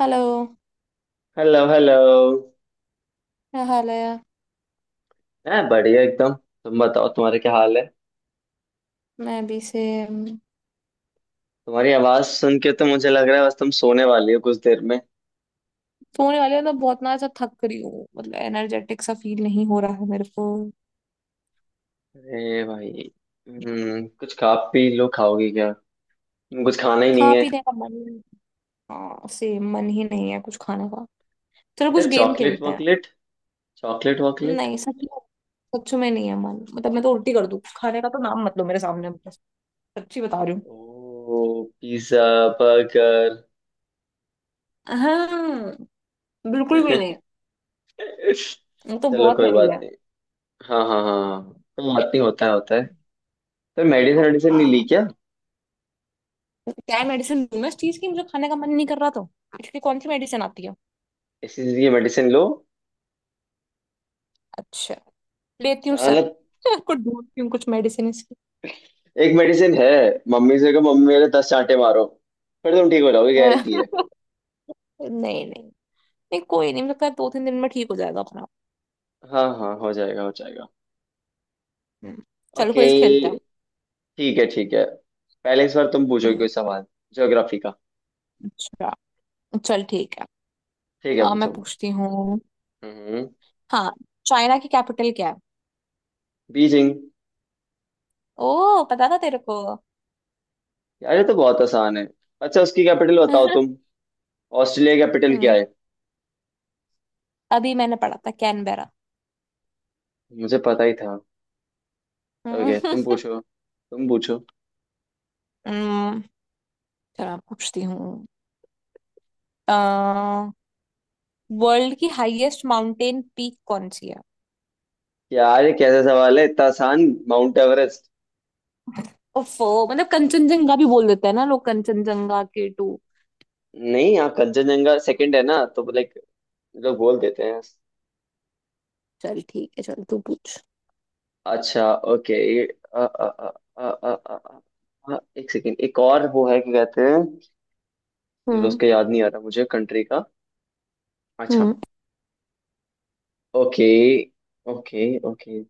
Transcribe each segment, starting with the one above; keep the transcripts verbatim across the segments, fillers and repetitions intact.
Hello. Hello hello. क्या हाल है? मैं बढ़िया एकदम। तुम बताओ, तुम्हारे क्या हाल है? मैं अभी से अम, तुम्हारी आवाज सुन के तो मुझे लग रहा है बस तुम सोने वाली हो कुछ देर में। सोने वाली हूँ। मतलब बहुत ना ऐसा थक रही हूँ। मतलब एनर्जेटिक सा फील नहीं हो रहा है मेरे को। अरे भाई। हम्म, कुछ खा पी लो। खाओगी क्या? कुछ खाना ही खा नहीं है? पीने का मन ही- हाँ से मन ही नहीं है कुछ खाने का। चलो बेटा कुछ गेम चॉकलेट खेलते हैं। वॉकलेट, चॉकलेट वॉकलेट। नहीं सच में। सच में नहीं है मन। मतलब मैं तो उल्टी कर दूँ। खाने का तो नाम मत लो मेरे सामने बस। सच्ची बता रही हूँ। ओ पिज्जा, बर्गर। हाँ, बिल्कुल भी नहीं। वो तो चलो बहुत कोई हैवी बात है। नहीं। हाँ हाँ हाँ हाँ। कोई बात नहीं, होता है होता है। तो मेडिसिन वेडिसिन नहीं ली हाँ, क्या? क्या मेडिसिन लूँ मैं? इस चीज की मुझे खाने का मन नहीं कर रहा तो इसकी कौन सी मेडिसिन आती है? इसीलिए मेडिसिन लो। अच्छा, लेती हूँ हाँ, सर। मतलब आपको ढूंढती हूँ कुछ मेडिसिन इसकी। एक मेडिसिन है। मम्मी से कहो, मम्मी मेरे दस चांटे मारो। फिर तुम ठीक हो जाओगे, गारंटी है। नहीं। नहीं। नहीं कोई नहीं, मुझे लगता है दो तीन दिन में ठीक हो जाएगा अपना। हाँ हाँ, हो जाएगा हो जाएगा। हम्म, चल ओके, कोई खेलता है। ठीक है ठीक है। पहले इस बार तुम पूछोगे हम्म, कोई सवाल, ज्योग्राफी का। अच्छा चल ठीक है। ठीक है आ, मैं पूछो। पूछती हूँ। हम्म। हाँ, चाइना की कैपिटल क्या है? बीजिंग। ओ, पता था तेरे को। यार, ये तो बहुत आसान है। अच्छा, उसकी कैपिटल बताओ हम्म। तुम। ऑस्ट्रेलिया की कैपिटल क्या है? अभी मैंने पढ़ा था, कैनबेरा। मुझे पता ही था। ओके, हम्म। तुम पूछो तुम पूछो। हम्म, चल मैं पूछती हूँ। आ, वर्ल्ड की हाईएस्ट माउंटेन पीक कौन सी है? यार, ये कैसा सवाल है, इतना आसान। Mount Everest. ओफो, मतलब कंचनजंगा भी बोल देते हैं ना लोग, कंचनजंगा के टू। नहीं, यहाँ कंचनजंगा सेकंड है ना, तो लाइक लोग बोल देते हैं। चल ठीक है, चल तू पूछ। अच्छा ओके, ये अ, अ, अ, अ, अ, अ, अ, अ, एक सेकेंड, एक और वो है, क्या कहते हैं। चलो हम्म। उसका याद नहीं आ रहा मुझे, कंट्री का। अच्छा। हम्म, ओके ओके ओके।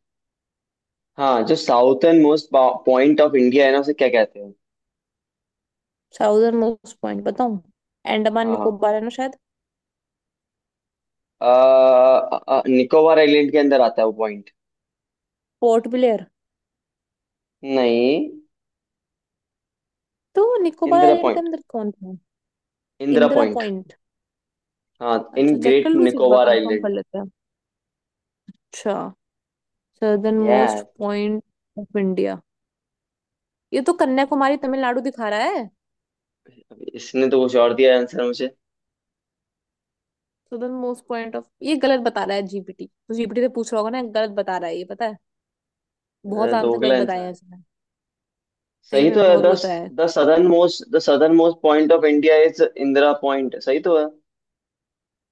हाँ, जो southern most point of India है ना, उसे क्या कहते हैं? साउदर्न मोस्ट पॉइंट बताऊं? अंडमान हाँ निकोबार है ना शायद। हाँ, निकोबार आइलैंड के अंदर आता है वो पॉइंट। पोर्ट ब्लेयर। नहीं। तो निकोबार इंदिरा आइलैंड के पॉइंट, अंदर कौन था? इंदिरा इंदिरा पॉइंट। पॉइंट। हाँ, इन अच्छा चेक ग्रेट कर लूं, एक बार निकोबार कंफर्म आइलैंड। कर लेते हैं। अच्छा, southern most yes. Point of India, ये तो कन्याकुमारी तमिलनाडु दिखा रहा है। इसने तो कुछ और दिया आंसर मुझे। सदर्न मोस्ट पॉइंट ऑफ, ये गलत बता रहा है जीपीटी। तो जीपीटी से पूछ रहा होगा ना, गलत बता रहा है ये, पता है? बहुत अ, तो आंसर अगला गलत बताए आंसर हैं इसने। सही सही तो में है। बहुत द बताया है। The southern most the southern most point of India is Indira point, सही तो है।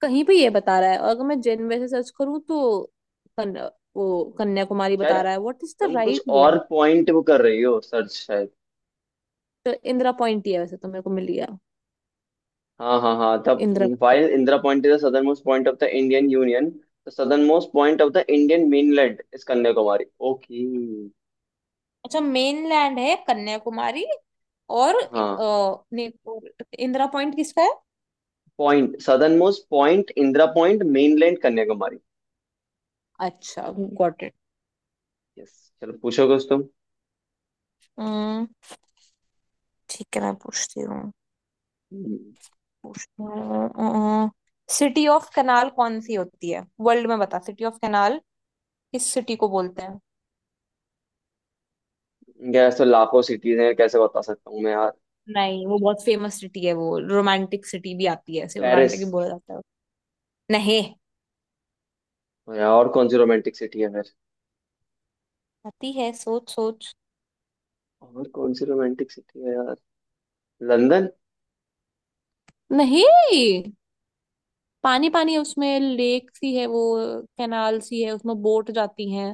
कहीं पे ये बता रहा है, और अगर मैं जेन वैसे सर्च करूँ तो कन, वो कन्याकुमारी शायद बता रहा है। व्हाट इज द तुम कुछ राइट और वन? पॉइंट वो कर रही हो सर्च शायद। तो इंदिरा पॉइंट ही है वैसे तो, मेरे को मिल गया। हाँ हाँ हाँ, तब। Indira. While Indira point is the southern most point of the Indian union. The southern most point of the Indian mainland is Kanyakumari. Okay. अच्छा, मेनलैंड है कन्याकुमारी। और हाँ, अ, ने- और इंदिरा पॉइंट किसका है? Point southern most point Indira point, mainland Kanyakumari. अच्छा, गॉट इट। यस, चलो पूछो कुछ तुम। हम्म, ठीक है मैं पूछती हूँ। हम्म, पूछती हूँ सिटी ऑफ कनाल कौन सी होती है वर्ल्ड में? बता, सिटी ऑफ कनाल किस सिटी को बोलते हैं? यार तो लाखों सिटीज हैं, कैसे बता सकता हूँ मैं यार। नहीं, वो बहुत फेमस सिटी है। वो रोमांटिक सिटी भी आती है, ऐसे पेरिस। रोमांटिक भी बोला जाता है। नहीं, यार, और कौन सी रोमांटिक सिटी है? आती है, सोच सोच। और कौन सी रोमांटिक सिटी है यार? लंदन। नहीं, पानी पानी है उसमें, लेक सी है वो। कैनाल सी है उसमें, बोट जाती हैं।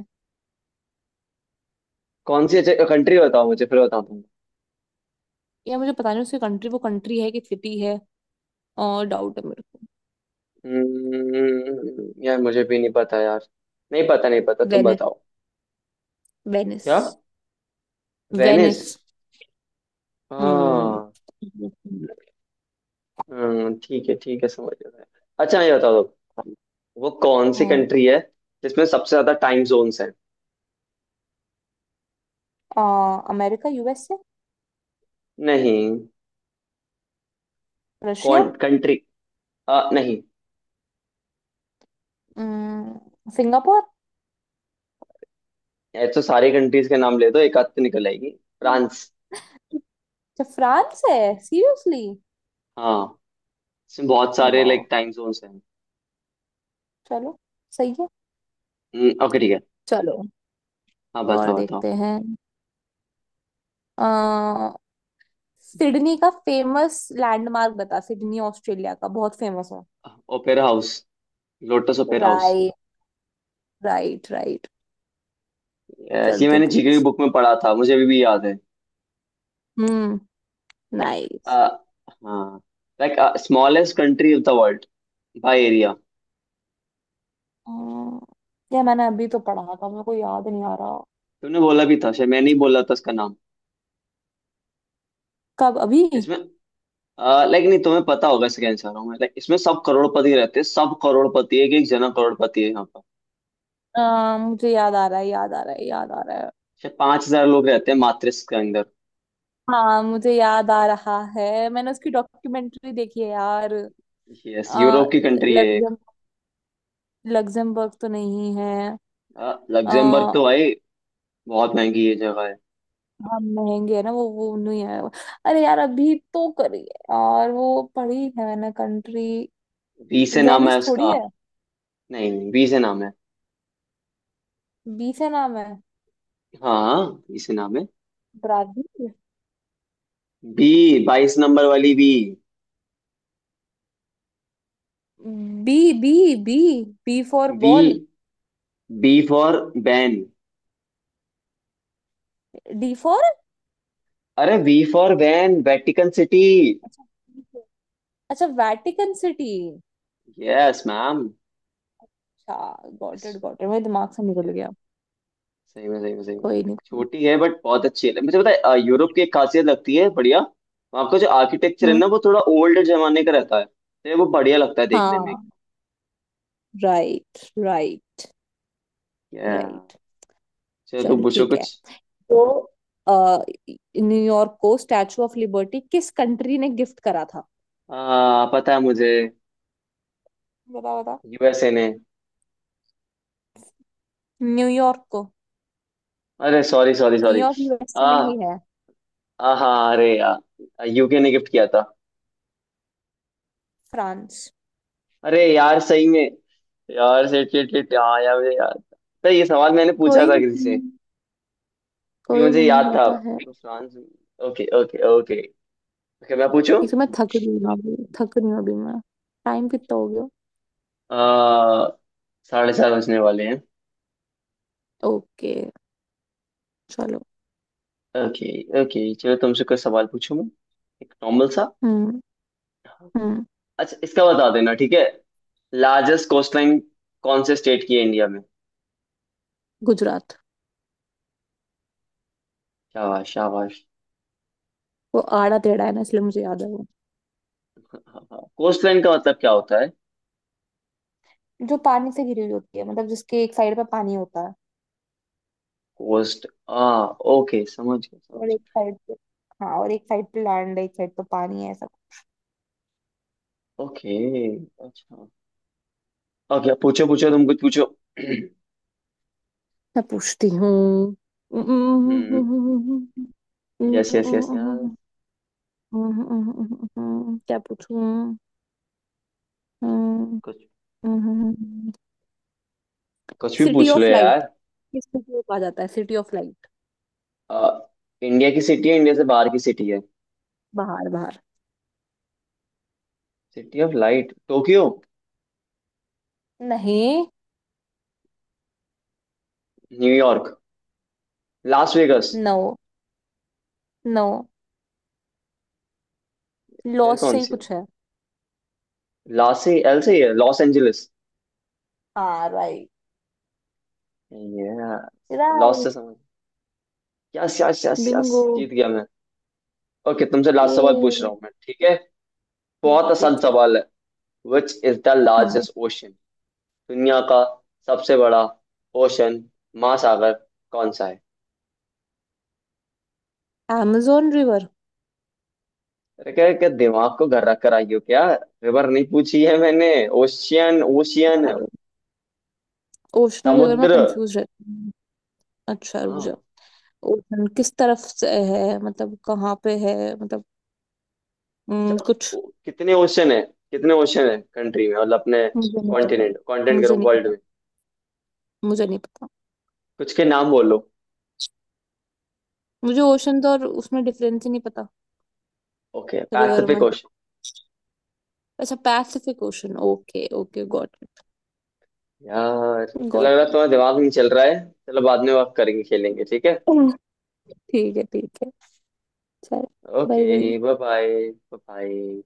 कौन सी कंट्री बताओ मुझे, फिर बताऊँ तुमको। या मुझे पता नहीं उसकी कंट्री। वो कंट्री है कि सिटी है, और डाउट है मेरे को। हम्म, यार मुझे भी नहीं पता यार। नहीं पता नहीं पता, तुम वेनिस। बताओ। वेनिस। क्या? वेनिस। वेनिस। हम्म। हाँ। हम्म, ठीक है ठीक है, समझ गया मैं। अच्छा ये बताओ तुम, वो कौन सी हम्म। कंट्री है जिसमें सबसे ज्यादा टाइम जोन्स हैं? आ, अमेरिका, यूएसए। नहीं। रशिया। कौन कंट्री। आ, नहीं। हम्म, सिंगापुर। ये तो सारी कंट्रीज के नाम ले दो, एक आध तो निकल आएगी। फ्रांस। अच्छा फ्रांस है? सीरियसली? हाँ, इसमें बहुत सारे वाह। लाइक टाइम जोन्स हैं। चलो, सही है। हम्म, ओके ठीक है। चलो, हाँ, और बताओ बताओ। देखते हैं। अ, सिडनी का फेमस लैंडमार्क बता, सिडनी ऑस्ट्रेलिया का बहुत फेमस है। Opera house, lotus opera house. Right. Right right. Yes, चल ये तू मैंने जीके की पूछ। बुक में पढ़ा था, मुझे अभी भी याद है। हम्म। नाइस। आ, हाँ like smallest country of the world by area. ये मैंने अभी तो पढ़ा था, मेरे को याद नहीं आ रहा। तुमने बोला भी था शायद, मैंने ही बोला था इसका नाम। कब, अभी? इसमें लाइक नहीं तुम्हें पता होगा इसका आंसर हूँ, लाइक इसमें सब करोड़पति रहते हैं। सब करोड़पति, एक एक जना करोड़पति है यहाँ पर। अ, मुझे याद आ रहा है, याद आ रहा है, याद आ रहा है। शायद पांच हजार लोग रहते हैं मात्र इसके अंदर। हाँ, मुझे याद आ रहा है, मैंने उसकी डॉक्यूमेंट्री देखी है यार। यस, अ, यूरोप की कंट्री है एक। लग्जम लग्जमबर्ग तो नहीं है? आ, आ, लग्जमबर्ग तो भाई बहुत महंगी ये जगह है। हाँ महंगे है ना, वो वो नहीं है। अरे यार, अभी तो करी है यार, वो पढ़ी है मैंने कंट्री। बी से नाम है वेनिस थोड़ी उसका। है। नहीं नहीं, बी से नाम है। बी से नाम है। हाँ, इसी नाम है। ब्राजील। बी, बाईस नंबर वाली B. B. B. B B for B, ball. B for van. D for. अरे V for van, Vatican city. अच्छा बी फॉर। अच्छा, वैटिकन सिटी। Yes ma'am. अच्छा, गॉट इट सही गॉट इट, मेरे दिमाग से निकल गया। में सही में सही कोई में। नहीं, कोई छोटी है बट बहुत अच्छी है, मुझे पता है। अ, यूरोप की एक खासियत लगती है बढ़िया। वहाँ का जो आर्किटेक्चर नहीं। है हम्म। ना, वो थोड़ा ओल्ड जमाने का रहता है, तो वो बढ़िया लगता है देखने में। हाँ राइट। राइट। Yeah. राइट। चलो तुम चल पूछो ठीक है। कुछ। तो अ, न्यूयॉर्क को स्टैचू ऑफ लिबर्टी किस कंट्री ने गिफ्ट करा था? आ, पता है मुझे। बता बता। यूएसए ने। न्यूयॉर्क को। अरे sorry sorry sorry. New York USA में ही है। हाँ अरे यार, यूके ने गिफ्ट किया था। फ्रांस। अरे यार, सही में। यार शिट शिट शिट, हाँ यार मुझे याद था। तो ये सवाल मैंने पूछा कोई था नहीं, किसी से, फिर कोई मुझे नहीं, याद था। होता है। तो France. Okay okay okay. Okay मैं पूछूं। एक तो मैं थक रही हूँ अभी, थक रही हूँ अभी मैं। टाइम कितना हो गया? आ, साढ़े चार बजने वाले हैं। ओके, चलो। Okay okay. चलो तुमसे कोई सवाल पूछूं मैं, एक नॉर्मल सा। हम्म। हम्म। अच्छा इसका बता देना, ठीक है। लार्जेस्ट कोस्टलाइन कौन से स्टेट की है इंडिया में? गुजरात। शाबाश शाबाश। वो आड़ा टेढ़ा है ना, इसलिए मुझे याद है वो। कोस्टलाइन का मतलब क्या होता है? जो पानी से घिरी हुई होती है, मतलब जिसके एक साइड पे पानी होता है होस्ट आ, ओके समझ गया, और समझ एक साइड पे। हाँ, और एक साइड पे लैंड, एक साइड पे पानी है। गया ओके। अच्छा। ओके पूछो पूछो, तुम कुछ पूछो। मैं पूछती हूँ। हम्म। यस यस यस यार। क्या पूछूं? कुछ, कुछ भी सिटी पूछ लो ऑफ लाइट, यार। किस सिटी को कहा जाता है सिटी ऑफ लाइट? आ, इंडिया की सिटी है, इंडिया से बाहर की सिटी है? बाहर, बाहर। City of light, Tokyo. नहीं। New York. Las Vegas. No. No, फिर लॉस कौन से ही सी है? कुछ है। लास से एल से ही है, लॉस एंजलिस। हाँ राइट। Yes, Los right. से समझ। Yes yes yes yes. Bingo. जीत गया मैं। ओके, तुमसे लास्ट सवाल पूछ रहा ये, हूँ मैं, ठीक है? बहुत आसान ठीक है। सवाल है। विच इज द हाँ। लार्जेस्ट ओशन, दुनिया का सबसे बड़ा ओशन महासागर कौन सा है? amazon river. अरे क्या क्या, दिमाग को घर रख कर आई हो क्या? रिवर नहीं पूछी है मैंने, ओशियन ओशियन, ओशन रिवर में समुद्र। कंफ्यूज रहती हूँ। अच्छा रुक जा। हाँ। ओशन किस तरफ से है, मतलब कहाँ पे है, मतलब, हम्म, अच्छा, कुछ। ओ- कितने ओशन है, कितने ओशन है कंट्री में, मतलब अपने। मुझे नहीं पता। कॉन्टिनेंट, कॉन्टिनेंट मुझे करूँ नहीं वर्ल्ड पता। में। मुझे नहीं पता। कुछ के नाम बोलो। मुझे ओशन तो और उसमें डिफरेंस ही नहीं पता। ओके रिवर पैसिफिक में। ओशन। अच्छा, Pacific ocean. Okay okay, got. यार चलो, लग रहा है गॉट। तुम्हारा दिमाग नहीं चल रहा है। चलो बाद में बात करेंगे, खेलेंगे, ठीक है। ठीक है, ठीक है। चल। Bye okay bye. Bye bye bye.